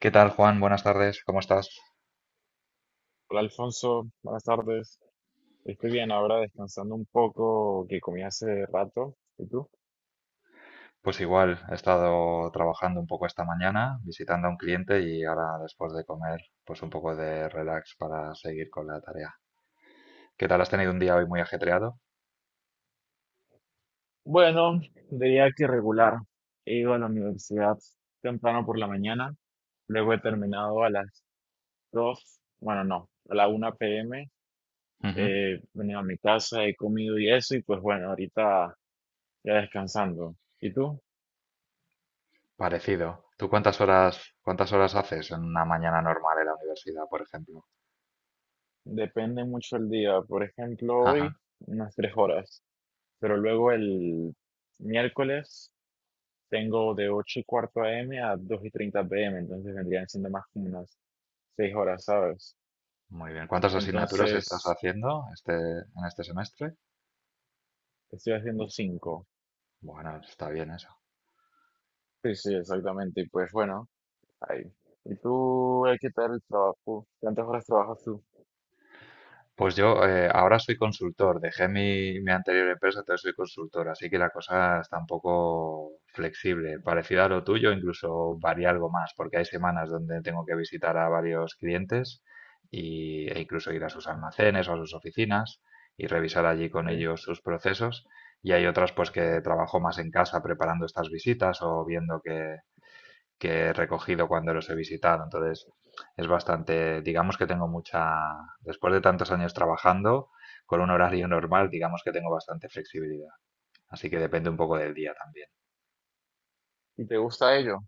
¿Qué tal, Juan? Buenas tardes, ¿cómo estás? Hola Alfonso, buenas tardes. Estoy bien, ahora descansando un poco que comí hace rato. ¿Y tú? Pues igual, he estado trabajando un poco esta mañana, visitando a un cliente y ahora después de comer, pues un poco de relax para seguir con la tarea. ¿Qué tal? ¿Has tenido un día hoy muy ajetreado? Bueno, diría que regular. He ido a la universidad temprano por la mañana, luego he terminado a las 2. Bueno, no, a la 1 p.m. Ujú. He venido a mi casa, he comido y eso, y pues bueno, ahorita ya descansando. ¿Y tú? Parecido. ¿Tú cuántas horas haces en una mañana normal en la universidad, por ejemplo? Depende mucho el día. Por ejemplo, hoy Ajá, unas 3 horas, pero luego el miércoles tengo de 8:15 a.m. a 2:30 p.m., entonces vendrían siendo más como unas 6 horas, ¿sabes? muy bien. ¿Cuántas asignaturas estás Entonces haciendo este, en este semestre? estoy haciendo 5. Bueno, está bien eso. Sí, sí, exactamente. Y pues bueno, ahí. ¿Y tú, qué tal el trabajo? ¿Cuántas horas trabajas tú? Pues yo ahora soy consultor, dejé mi anterior empresa, entonces soy consultor, así que la cosa está un poco flexible, parecida a lo tuyo, incluso varía algo más, porque hay semanas donde tengo que visitar a varios clientes y, e incluso ir a sus almacenes o a sus oficinas y revisar allí con ¿Sí? ellos sus procesos. Y hay otras pues Ujú. que trabajo más en casa preparando estas visitas o viendo que he recogido cuando los he visitado. Entonces, es bastante, digamos que tengo mucha, después de tantos años trabajando, con un horario normal, digamos que tengo bastante flexibilidad. Así que depende un poco del día también. ¿Y te gusta ello?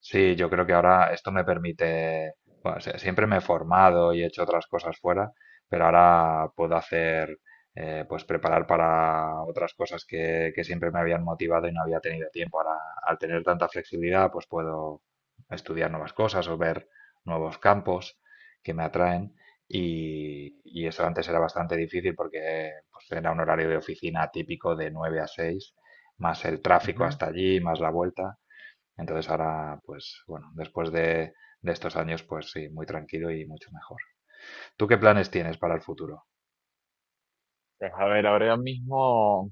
Sí, yo creo que ahora esto me permite, bueno, siempre me he formado y he hecho otras cosas fuera, pero ahora puedo hacer, pues preparar para otras cosas que siempre me habían motivado y no había tenido tiempo. Ahora, al tener tanta flexibilidad, pues puedo estudiar nuevas cosas o ver nuevos campos que me atraen. Y eso antes era bastante difícil porque pues, era un horario de oficina típico de 9 a 6 más el tráfico hasta allí, más la vuelta. Entonces ahora, pues bueno, después de estos años, pues sí, muy tranquilo y mucho mejor. ¿Tú qué planes tienes para el futuro? Pues a ver, ahora mismo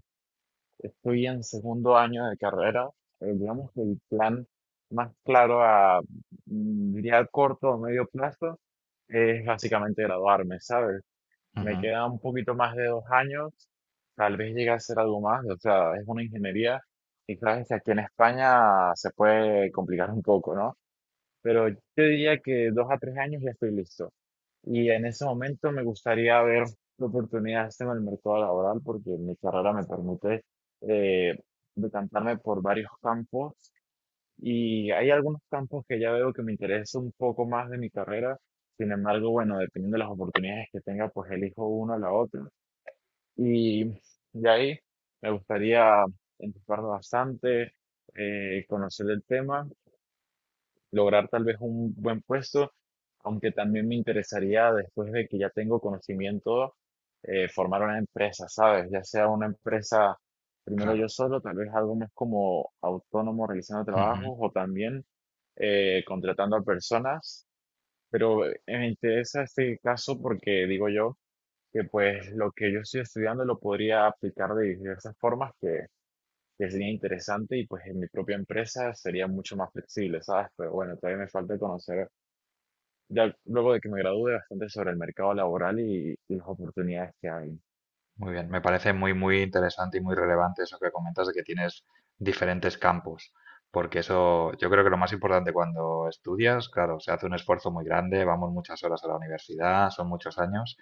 estoy en segundo año de carrera. Digamos que el plan más claro diría, a corto o medio plazo es básicamente graduarme, ¿sabes? Me Ujú, queda un poquito más de 2 años, tal vez llegue a ser algo más, o sea, es una ingeniería y sabes que aquí en España se puede complicar un poco, ¿no? Pero yo diría que 2 a 3 años ya estoy listo. Y en ese momento me gustaría ver qué oportunidades tengo en el mercado laboral porque mi carrera me permite eh, decantarme por varios campos y hay algunos campos que ya veo que me interesa un poco más de mi carrera. Sin embargo, bueno, dependiendo de las oportunidades que tenga, pues elijo uno o la otra. Y de ahí me gustaría enfocarme bastante, conocer el tema, lograr tal vez un buen puesto, aunque también me interesaría, después de que ya tengo conocimiento, formar una empresa, ¿sabes? Ya sea una empresa primero yo claro. solo, tal vez algo más como autónomo realizando Ujú. trabajos o también contratando a personas, pero me interesa este caso porque digo yo que pues lo que yo estoy estudiando lo podría aplicar de diversas formas que sería interesante y pues en mi propia empresa sería mucho más flexible, ¿sabes? Pero bueno, todavía me falta conocer, ya luego de que me gradúe, bastante sobre el mercado laboral y las oportunidades que hay. Muy bien, me parece muy, muy interesante y muy relevante eso que comentas de que tienes diferentes campos, porque eso yo creo que lo más importante cuando estudias, claro, se hace un esfuerzo muy grande, vamos muchas horas a la universidad, son muchos años,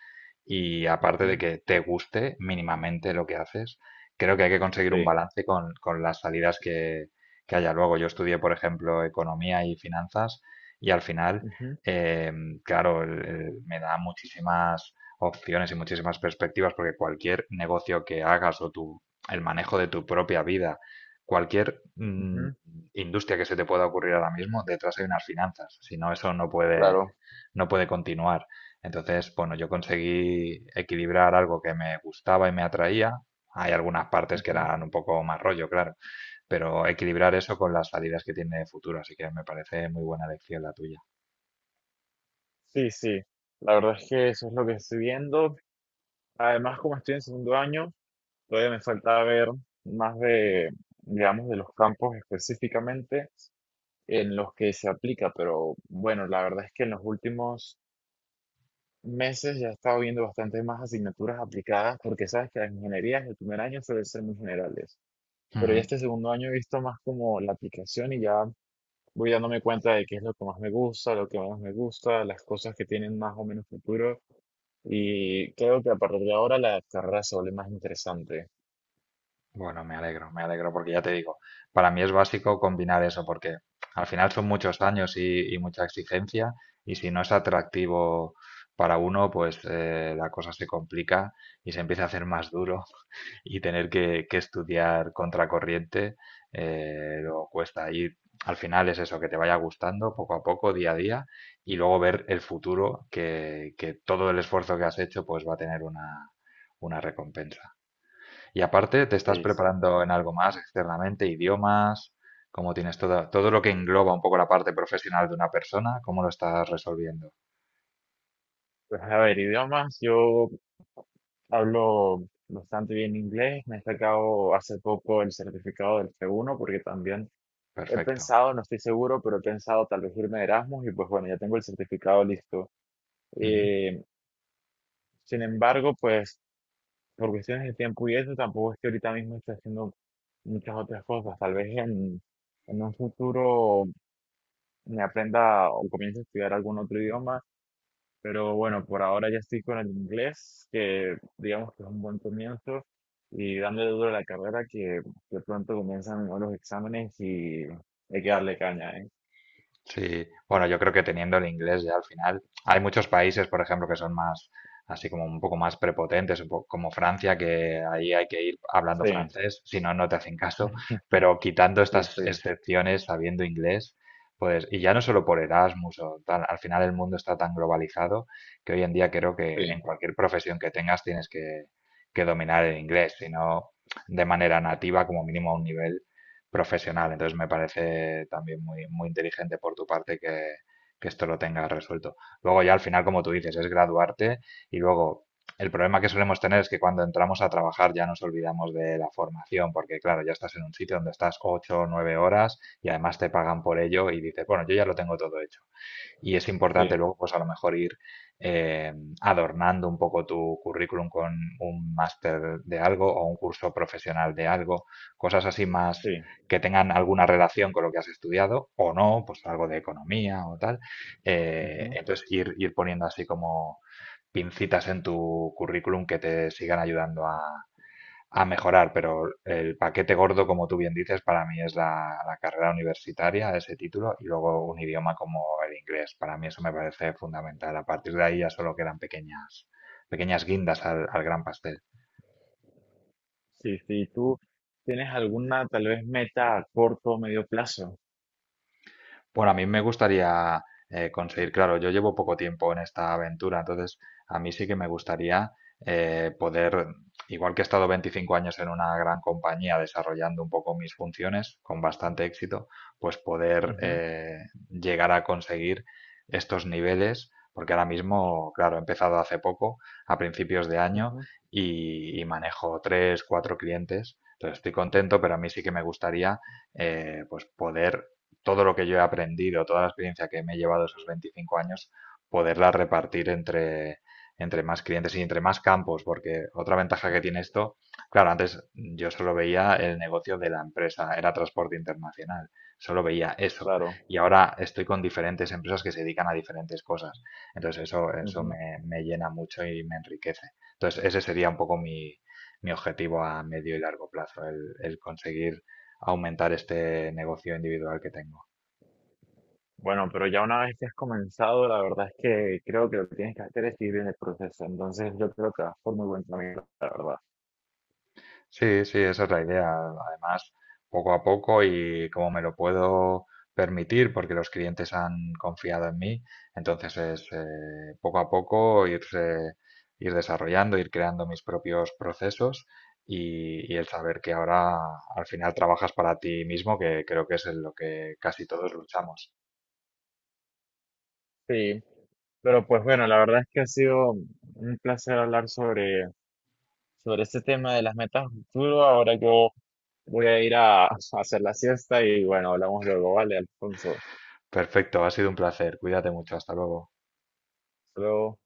y aparte de Ujú, que te guste mínimamente lo que haces, creo que hay que conseguir un sí, balance con las salidas que haya luego. Yo estudié, por ejemplo, economía y finanzas, y al final, ujú, claro, me da muchísimas opciones y muchísimas perspectivas, porque cualquier negocio que hagas o tu, el manejo de tu propia vida, cualquier ujú, industria que se te pueda ocurrir ahora mismo, detrás hay unas finanzas. Si no, eso claro, no puede continuar. Entonces, bueno, yo conseguí equilibrar algo que me gustaba y me atraía. Hay algunas partes que ujú. eran un poco más rollo, claro, pero equilibrar eso con las salidas que tiene de futuro. Así que me parece muy buena elección la tuya. Sí, sí, la verdad es que eso es lo que estoy viendo. Además, como estoy en segundo año, todavía me falta ver más de, digamos, de los campos específicamente en los que se aplica, pero bueno, la verdad es que en los últimos meses ya he estado viendo bastante más asignaturas aplicadas porque sabes que las ingenierías el primer año suelen ser muy generales, pero ya Ujú. este segundo año he visto más como la aplicación y ya voy dándome cuenta de qué es lo que más me gusta, lo que menos me gusta, las cosas que tienen más o menos futuro y creo que a partir de ahora la carrera se vuelve más interesante. Bueno, me alegro porque ya te digo, para mí es básico combinar eso porque al final son muchos años y mucha exigencia y si no es atractivo para uno, pues la cosa se complica y se empieza a hacer más duro y tener que estudiar contracorriente luego cuesta. Y al final es eso, que te vaya gustando poco a poco, día a día y luego ver el futuro que todo el esfuerzo que has hecho pues va a tener una recompensa. Y aparte, ¿te estás Sí, sí. preparando en algo más externamente? ¿Idiomas? ¿Cómo tienes todo lo que engloba un poco la parte profesional de una persona? ¿Cómo lo estás resolviendo? Pues a ver, idiomas, yo hablo bastante bien inglés, me he sacado hace poco el certificado del C1 porque también he Perfecto. pensado, no estoy seguro, pero he pensado tal vez irme de Erasmus y pues bueno, ya tengo el certificado listo. Ujú. Eh, sin embargo, pues por cuestiones de tiempo y eso, tampoco es que ahorita mismo esté haciendo muchas otras cosas. Tal vez en un futuro me aprenda o comience a estudiar algún otro idioma, pero bueno, por ahora ya estoy con el inglés, que digamos que es un buen comienzo, y dándole duro a la carrera que pronto comienzan los exámenes y hay que darle caña, ¿eh? Sí, bueno, yo creo que teniendo el inglés ya al final, hay muchos países, por ejemplo, que son más, así como un poco más prepotentes, un poco como Francia, que ahí hay que ir hablando Sí, francés, si no, no te hacen caso, pero quitando sí, estas sí. excepciones, sabiendo inglés, pues, y ya no solo por Erasmus o tal, al final el mundo está tan globalizado que hoy en día creo que en Sí, cualquier profesión que tengas tienes que dominar el inglés, si no de manera nativa, como mínimo a un nivel profesional. Entonces me parece también muy, muy inteligente por tu parte que esto lo tengas resuelto. Luego ya al final, como tú dices, es graduarte y luego el problema que solemos tener es que cuando entramos a trabajar ya nos olvidamos de la formación, porque claro, ya estás en un sitio donde estás 8 o 9 horas y además te pagan por ello y dices, bueno, yo ya lo tengo todo hecho. Y es importante sí, luego, pues a lo mejor ir eh, adornando un poco tu currículum con un máster de algo o un curso profesional de algo, cosas así más sí. que tengan alguna relación con lo que has estudiado o no, pues algo de economía o tal. Ujú. Entonces ir poniendo así como pincitas en tu currículum que te sigan ayudando a mejorar, pero el paquete gordo, como tú bien dices, para mí es la carrera universitaria, ese título, y luego un idioma como el inglés. Para mí eso me parece fundamental. A partir de ahí ya solo quedan pequeñas, pequeñas guindas al gran pastel. Sí, sí. ¿Tú tienes alguna tal vez meta a corto o medio plazo? Bueno, a mí me gustaría conseguir, claro, yo llevo poco tiempo en esta aventura, entonces a mí sí que me gustaría poder, igual que he estado 25 años en una gran compañía desarrollando un poco mis funciones con bastante éxito, pues poder Ujú, llegar a conseguir estos niveles, porque ahora mismo, claro, he empezado hace poco, a principios de año, ujú, y manejo tres, cuatro clientes, entonces estoy contento, pero a mí sí que me gustaría pues poder todo lo que yo he aprendido, toda la experiencia que me he llevado esos 25 años, poderla repartir entre más clientes y entre más campos, porque otra ventaja que tiene esto, claro, antes yo solo veía el negocio de la empresa, era transporte internacional, solo veía eso, claro, y ahora estoy con diferentes empresas que se dedican a diferentes cosas, entonces eso ujú. me, me llena mucho y me enriquece. Entonces ese sería un poco mi objetivo a medio y largo plazo, el conseguir aumentar este negocio individual que tengo. Bueno, pero ya una vez que has comenzado, la verdad es que creo que lo que tienes que hacer es seguir en el proceso. Entonces yo creo que vas por muy buen camino, la verdad. Sí, sí, esa es la idea. Además, poco a poco y como me lo puedo permitir, porque los clientes han confiado en mí, entonces es poco a poco irse, ir desarrollando, ir creando mis propios procesos y el saber que ahora al final trabajas para ti mismo, que creo que es en lo que casi todos luchamos. Sí, pero pues bueno, la verdad es que ha sido un placer hablar sobre este tema de las metas a futuro. Ahora yo voy a ir a hacer la siesta y bueno, hablamos luego, ¿vale, Alfonso? Perfecto, ha sido un placer. Cuídate mucho. Hasta luego. Hasta luego.